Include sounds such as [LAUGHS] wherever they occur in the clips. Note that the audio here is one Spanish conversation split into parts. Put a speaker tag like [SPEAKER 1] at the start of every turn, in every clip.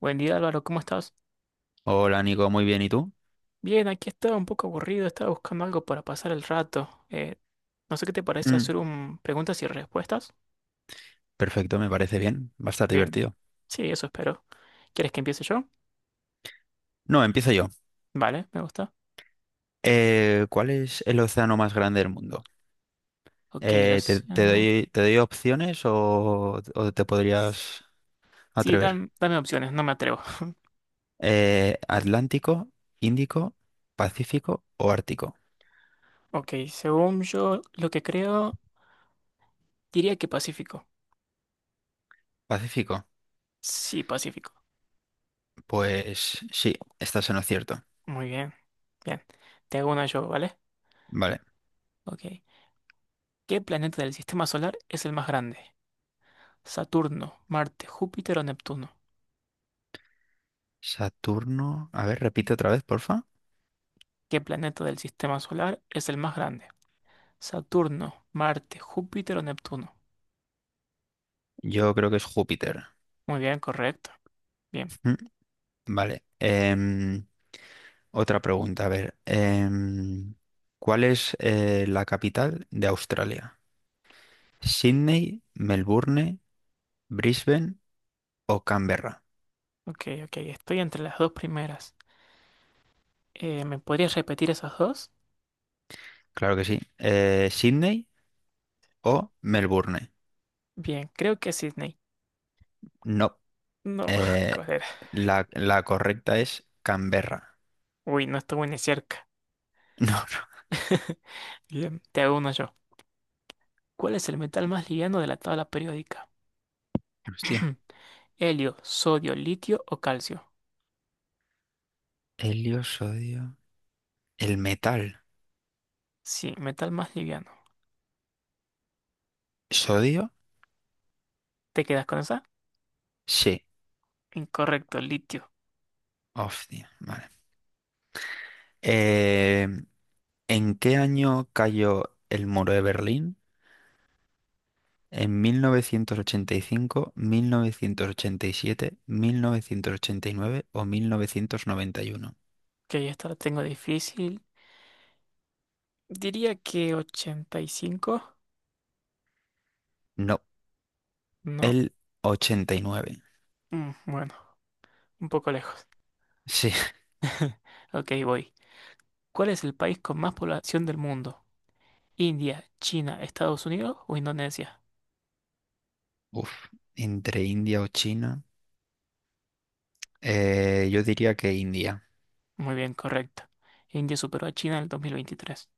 [SPEAKER 1] Buen día Álvaro, ¿cómo estás?
[SPEAKER 2] Hola Nico, muy bien, ¿y tú?
[SPEAKER 1] Bien, aquí estaba un poco aburrido, estaba buscando algo para pasar el rato. No sé qué te parece
[SPEAKER 2] Mm,
[SPEAKER 1] hacer un preguntas y respuestas.
[SPEAKER 2] perfecto, me parece bien, bastante
[SPEAKER 1] Bien,
[SPEAKER 2] divertido.
[SPEAKER 1] sí, eso espero. ¿Quieres que empiece yo?
[SPEAKER 2] No, empiezo yo.
[SPEAKER 1] Vale, me gusta.
[SPEAKER 2] ¿Cuál es el océano más grande del mundo?
[SPEAKER 1] Ok, el
[SPEAKER 2] Eh, te, te
[SPEAKER 1] océano.
[SPEAKER 2] doy, te doy opciones o te podrías
[SPEAKER 1] Sí,
[SPEAKER 2] atrever?
[SPEAKER 1] dame opciones, no me atrevo. [LAUGHS]
[SPEAKER 2] ¿Atlántico, Índico, Pacífico o Ártico?
[SPEAKER 1] Ok, según yo lo que creo, diría que Pacífico.
[SPEAKER 2] Pacífico.
[SPEAKER 1] Sí, Pacífico.
[SPEAKER 2] Pues sí, estás en lo cierto.
[SPEAKER 1] Muy bien. Bien, te hago una yo, ¿vale?
[SPEAKER 2] Vale.
[SPEAKER 1] Ok. ¿Qué planeta del sistema solar es el más grande? ¿Saturno, Marte, Júpiter o Neptuno?
[SPEAKER 2] Saturno. A ver, repite otra vez, porfa.
[SPEAKER 1] ¿Qué planeta del sistema solar es el más grande? ¿Saturno, Marte, Júpiter o Neptuno?
[SPEAKER 2] Yo creo que es Júpiter.
[SPEAKER 1] Muy bien, correcto. Bien,
[SPEAKER 2] Mm. Vale. Otra pregunta, a ver. ¿Cuál es la capital de Australia? ¿Sydney, Melbourne, Brisbane o Canberra?
[SPEAKER 1] ok, ok. Estoy entre las dos primeras. ¿Me podrías repetir esas dos?
[SPEAKER 2] Claro que sí. ¿Sydney o Melbourne?
[SPEAKER 1] Bien, creo que es Sydney.
[SPEAKER 2] No.
[SPEAKER 1] No, [LAUGHS]
[SPEAKER 2] Eh,
[SPEAKER 1] joder.
[SPEAKER 2] la correcta es Canberra. [LAUGHS]
[SPEAKER 1] Uy, no estuve ni cerca.
[SPEAKER 2] No, no.
[SPEAKER 1] [LAUGHS] Bien, te hago uno yo. ¿Cuál es el metal más liviano de la tabla periódica?
[SPEAKER 2] Hostia.
[SPEAKER 1] [CLEARS THROAT] ¿Helio, sodio, litio o calcio?
[SPEAKER 2] Helio, sodio. El metal.
[SPEAKER 1] Sí, metal más liviano.
[SPEAKER 2] ¿Sodio?
[SPEAKER 1] ¿Te quedas con esa?
[SPEAKER 2] Sí.
[SPEAKER 1] Incorrecto, litio.
[SPEAKER 2] Hostia. Vale. Eh, ¿en qué año cayó el muro de Berlín? En mil novecientos ochenta y cinco, siete, 1989 o 1991.
[SPEAKER 1] Ok, esta la tengo difícil. Diría que 85.
[SPEAKER 2] No,
[SPEAKER 1] No.
[SPEAKER 2] el 89.
[SPEAKER 1] Mm, bueno, un poco lejos.
[SPEAKER 2] Sí,
[SPEAKER 1] [LAUGHS] Ok, voy. ¿Cuál es el país con más población del mundo? ¿India, China, Estados Unidos o Indonesia?
[SPEAKER 2] [LAUGHS] Uf. Entre India o China. Yo diría que India.
[SPEAKER 1] Muy bien, correcto. India superó a China en el 2023.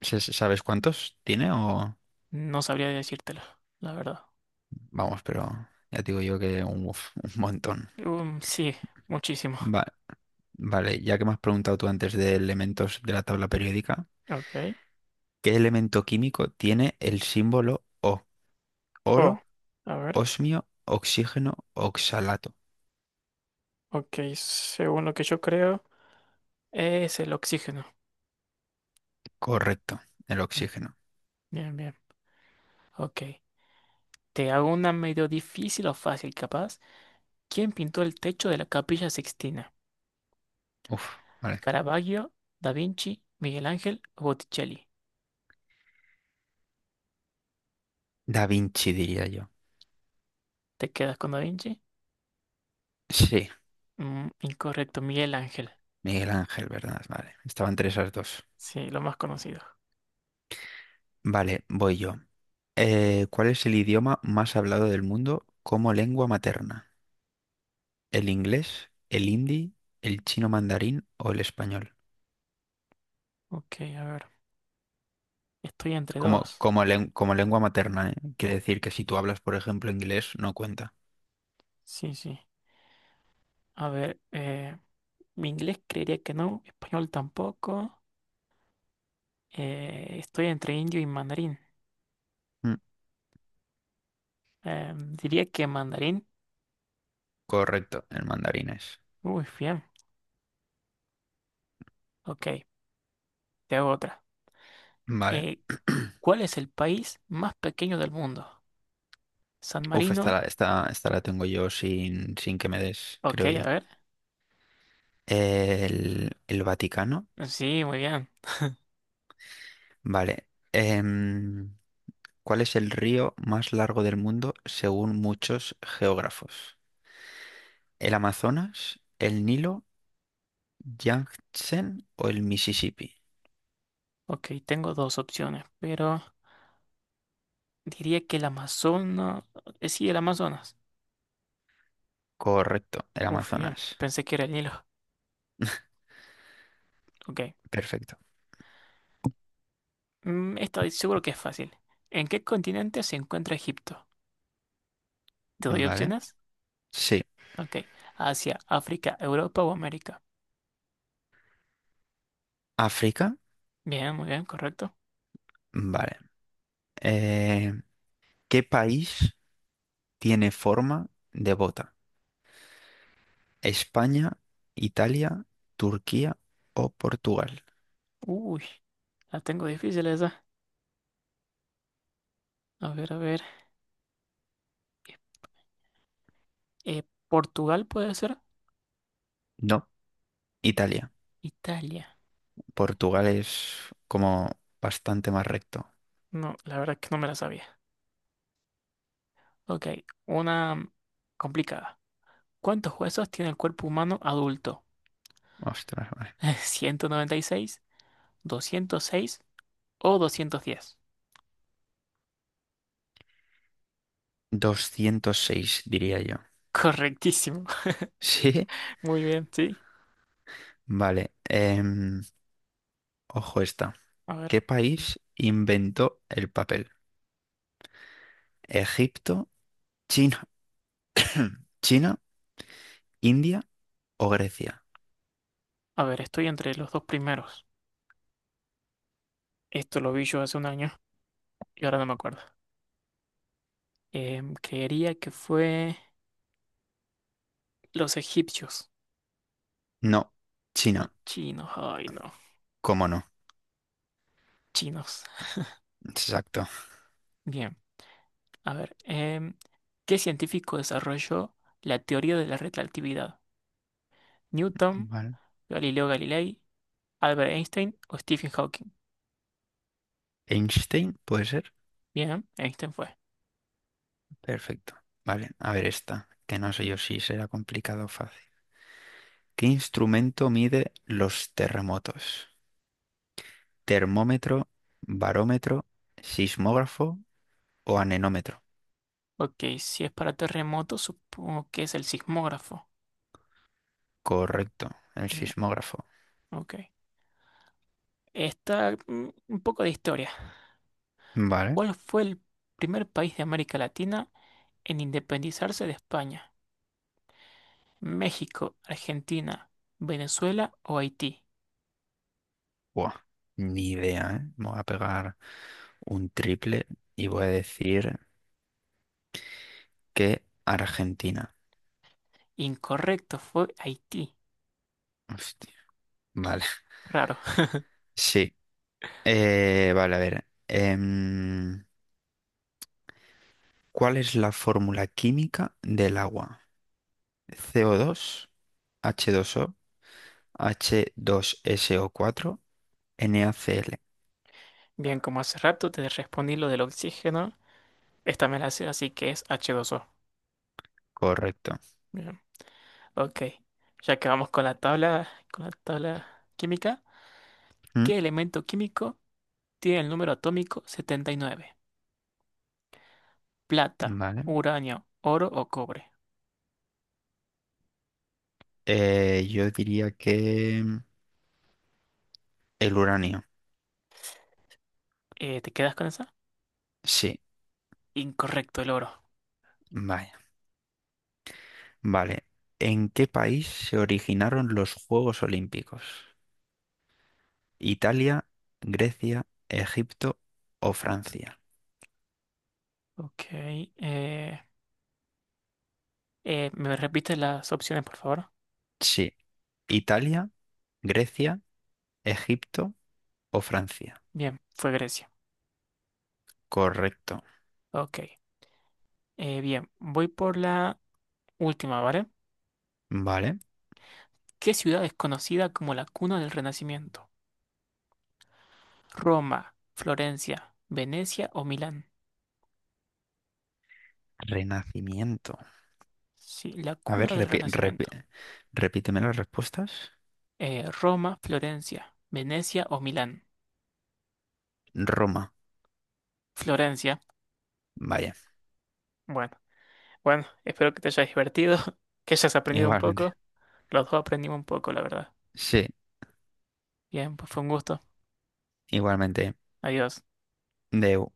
[SPEAKER 2] ¿Sabes cuántos tiene o...?
[SPEAKER 1] No sabría decírtelo, la verdad.
[SPEAKER 2] Vamos, pero ya te digo yo que un montón.
[SPEAKER 1] Sí, muchísimo.
[SPEAKER 2] Va- vale, ya que me has preguntado tú antes de elementos de la tabla periódica,
[SPEAKER 1] Ok.
[SPEAKER 2] ¿qué elemento químico tiene el símbolo O?
[SPEAKER 1] Oh,
[SPEAKER 2] ¿Oro?
[SPEAKER 1] a ver.
[SPEAKER 2] Osmio, oxígeno, oxalato.
[SPEAKER 1] Ok, según lo que yo creo, es el oxígeno.
[SPEAKER 2] Correcto, el
[SPEAKER 1] Bien,
[SPEAKER 2] oxígeno.
[SPEAKER 1] bien, bien. Ok. ¿Te hago una medio difícil o fácil, capaz? ¿Quién pintó el techo de la Capilla Sixtina?
[SPEAKER 2] Uf, vale.
[SPEAKER 1] ¿Caravaggio, Da Vinci, Miguel Ángel o Botticelli?
[SPEAKER 2] Da Vinci diría yo.
[SPEAKER 1] ¿Te quedas con Da Vinci?
[SPEAKER 2] Sí,
[SPEAKER 1] Incorrecto, Miguel Ángel.
[SPEAKER 2] Miguel Ángel, ¿verdad? Vale, estaban entre esas dos.
[SPEAKER 1] Sí, lo más conocido.
[SPEAKER 2] Vale, voy yo. ¿Cuál es el idioma más hablado del mundo como lengua materna? ¿El inglés, el hindi, el chino mandarín o el español?
[SPEAKER 1] Ok, a ver. Estoy entre
[SPEAKER 2] Como,
[SPEAKER 1] dos.
[SPEAKER 2] como, len- como lengua materna, ¿eh? Quiere decir que si tú hablas, por ejemplo, inglés, no cuenta.
[SPEAKER 1] Sí, sí. A ver, mi inglés creería que no, español tampoco. Estoy entre indio y mandarín.
[SPEAKER 2] Mm,
[SPEAKER 1] Eh, Diría que mandarín.
[SPEAKER 2] correcto, el mandarín es.
[SPEAKER 1] Uy, bien. Ok, te hago otra.
[SPEAKER 2] Vale.
[SPEAKER 1] Eh,
[SPEAKER 2] [CLEARS THROAT]
[SPEAKER 1] ¿Cuál es el país más pequeño del mundo? ¿San
[SPEAKER 2] Uf, esta, la-
[SPEAKER 1] Marino?
[SPEAKER 2] esta, esta la tengo yo sin que me des,
[SPEAKER 1] Ok,
[SPEAKER 2] creo
[SPEAKER 1] a
[SPEAKER 2] yo.
[SPEAKER 1] ver.
[SPEAKER 2] El Vaticano.
[SPEAKER 1] Sí, muy bien.
[SPEAKER 2] Vale. Em, ¿cuál es el río más largo del mundo según muchos geógrafos? ¿El Amazonas, el Nilo, Yangtze o el Mississippi?
[SPEAKER 1] Ok, tengo dos opciones, pero diría que el Amazonas. Sí, el Amazonas.
[SPEAKER 2] Correcto, el
[SPEAKER 1] Uf, bien.
[SPEAKER 2] Amazonas.
[SPEAKER 1] Pensé que era el Nilo. Ok.
[SPEAKER 2] Perfecto.
[SPEAKER 1] Esta seguro que es fácil. ¿En qué continente se encuentra Egipto? ¿Te doy
[SPEAKER 2] Vale.
[SPEAKER 1] opciones?
[SPEAKER 2] Sí.
[SPEAKER 1] Ok. Asia, África, Europa o América.
[SPEAKER 2] África.
[SPEAKER 1] Bien, muy bien, correcto.
[SPEAKER 2] Vale. Eh, ¿qué país tiene forma de bota? ¿España, Italia, Turquía o Portugal?
[SPEAKER 1] Uy, la tengo difícil esa. A ver, a ver. Eh, ¿Portugal puede ser?
[SPEAKER 2] No, Italia.
[SPEAKER 1] Italia.
[SPEAKER 2] Portugal es como bastante más recto.
[SPEAKER 1] No, la verdad es que no me la sabía. Ok, una complicada. ¿Cuántos huesos tiene el cuerpo humano adulto?
[SPEAKER 2] Ostras, vale.
[SPEAKER 1] [LAUGHS] ¿196, 206 o 210?
[SPEAKER 2] 206, diría yo. [LAUGHS]
[SPEAKER 1] Correctísimo.
[SPEAKER 2] Sí,
[SPEAKER 1] [LAUGHS] Muy bien, sí.
[SPEAKER 2] vale. Ojo esta.
[SPEAKER 1] A ver,
[SPEAKER 2] ¿Qué país inventó el papel? ¿Egipto, China, China, India o Grecia?
[SPEAKER 1] a ver, estoy entre los dos primeros. Esto lo vi yo hace un año y ahora no me acuerdo. Creería que fue los egipcios.
[SPEAKER 2] No,
[SPEAKER 1] Los
[SPEAKER 2] China.
[SPEAKER 1] chinos, ay no.
[SPEAKER 2] ¿Cómo no?
[SPEAKER 1] Chinos.
[SPEAKER 2] Exacto.
[SPEAKER 1] Bien, a ver. ¿Qué científico desarrolló la teoría de la relatividad? ¿Newton,
[SPEAKER 2] Vale.
[SPEAKER 1] Galileo Galilei, Albert Einstein o Stephen Hawking?
[SPEAKER 2] Einstein, ¿puede ser?
[SPEAKER 1] Bien, Einstein fue.
[SPEAKER 2] Perfecto. Vale, a ver esta, que no sé yo si será complicado o fácil. ¿Qué instrumento mide los terremotos? ¿Termómetro, barómetro, sismógrafo o anemómetro?
[SPEAKER 1] Ok, si es para terremotos, supongo que es el sismógrafo.
[SPEAKER 2] Correcto, el
[SPEAKER 1] Bien,
[SPEAKER 2] sismógrafo.
[SPEAKER 1] ok. Esta, un poco de historia.
[SPEAKER 2] Vale.
[SPEAKER 1] ¿Cuál fue el primer país de América Latina en independizarse de España? ¿México, Argentina, Venezuela o Haití?
[SPEAKER 2] Buah, ni idea, ¿eh? Me voy a pegar un triple y voy a decir que Argentina.
[SPEAKER 1] Incorrecto, fue Haití.
[SPEAKER 2] Hostia. Vale,
[SPEAKER 1] Raro.
[SPEAKER 2] [LAUGHS] sí. Vale, a ver. ¿Cuál es la fórmula química del agua? Co dos, h dos o h 2 so cuatro, NaCl.
[SPEAKER 1] Bien, como hace rato te respondí lo del oxígeno, esta me la sé, así que es H2O.
[SPEAKER 2] Correcto.
[SPEAKER 1] Bien, ok. Ya que vamos con la tabla, química.
[SPEAKER 2] Mm.
[SPEAKER 1] ¿Qué elemento químico tiene el número atómico 79? ¿Plata,
[SPEAKER 2] Vale.
[SPEAKER 1] uranio, oro o cobre?
[SPEAKER 2] Yo diría que el uranio.
[SPEAKER 1] ¿Te quedas con esa?
[SPEAKER 2] Sí,
[SPEAKER 1] Incorrecto, el oro.
[SPEAKER 2] vaya. Vale. ¿En qué país se originaron los Juegos Olímpicos? ¿Italia, Grecia, Egipto o Francia?
[SPEAKER 1] Ok. ¿Me repites las opciones, por favor?
[SPEAKER 2] Sí. Italia, Grecia, Egipto o Francia.
[SPEAKER 1] Bien, fue Grecia.
[SPEAKER 2] Correcto.
[SPEAKER 1] Ok. Bien, voy por la última, ¿vale?
[SPEAKER 2] Vale.
[SPEAKER 1] ¿Qué ciudad es conocida como la cuna del Renacimiento? ¿Roma, Florencia, Venecia o Milán?
[SPEAKER 2] Renacimiento.
[SPEAKER 1] Sí, la
[SPEAKER 2] A ver,
[SPEAKER 1] cuna del
[SPEAKER 2] repi-
[SPEAKER 1] Renacimiento.
[SPEAKER 2] repi- repíteme las respuestas.
[SPEAKER 1] Roma, Florencia, Venecia o Milán.
[SPEAKER 2] Roma,
[SPEAKER 1] Florencia.
[SPEAKER 2] vaya,
[SPEAKER 1] Bueno. Bueno, espero que te hayas divertido, [LAUGHS] que hayas aprendido un
[SPEAKER 2] igualmente.
[SPEAKER 1] poco. Los dos aprendimos un poco, la verdad.
[SPEAKER 2] Sí,
[SPEAKER 1] Bien, pues fue un gusto.
[SPEAKER 2] igualmente.
[SPEAKER 1] Adiós.
[SPEAKER 2] De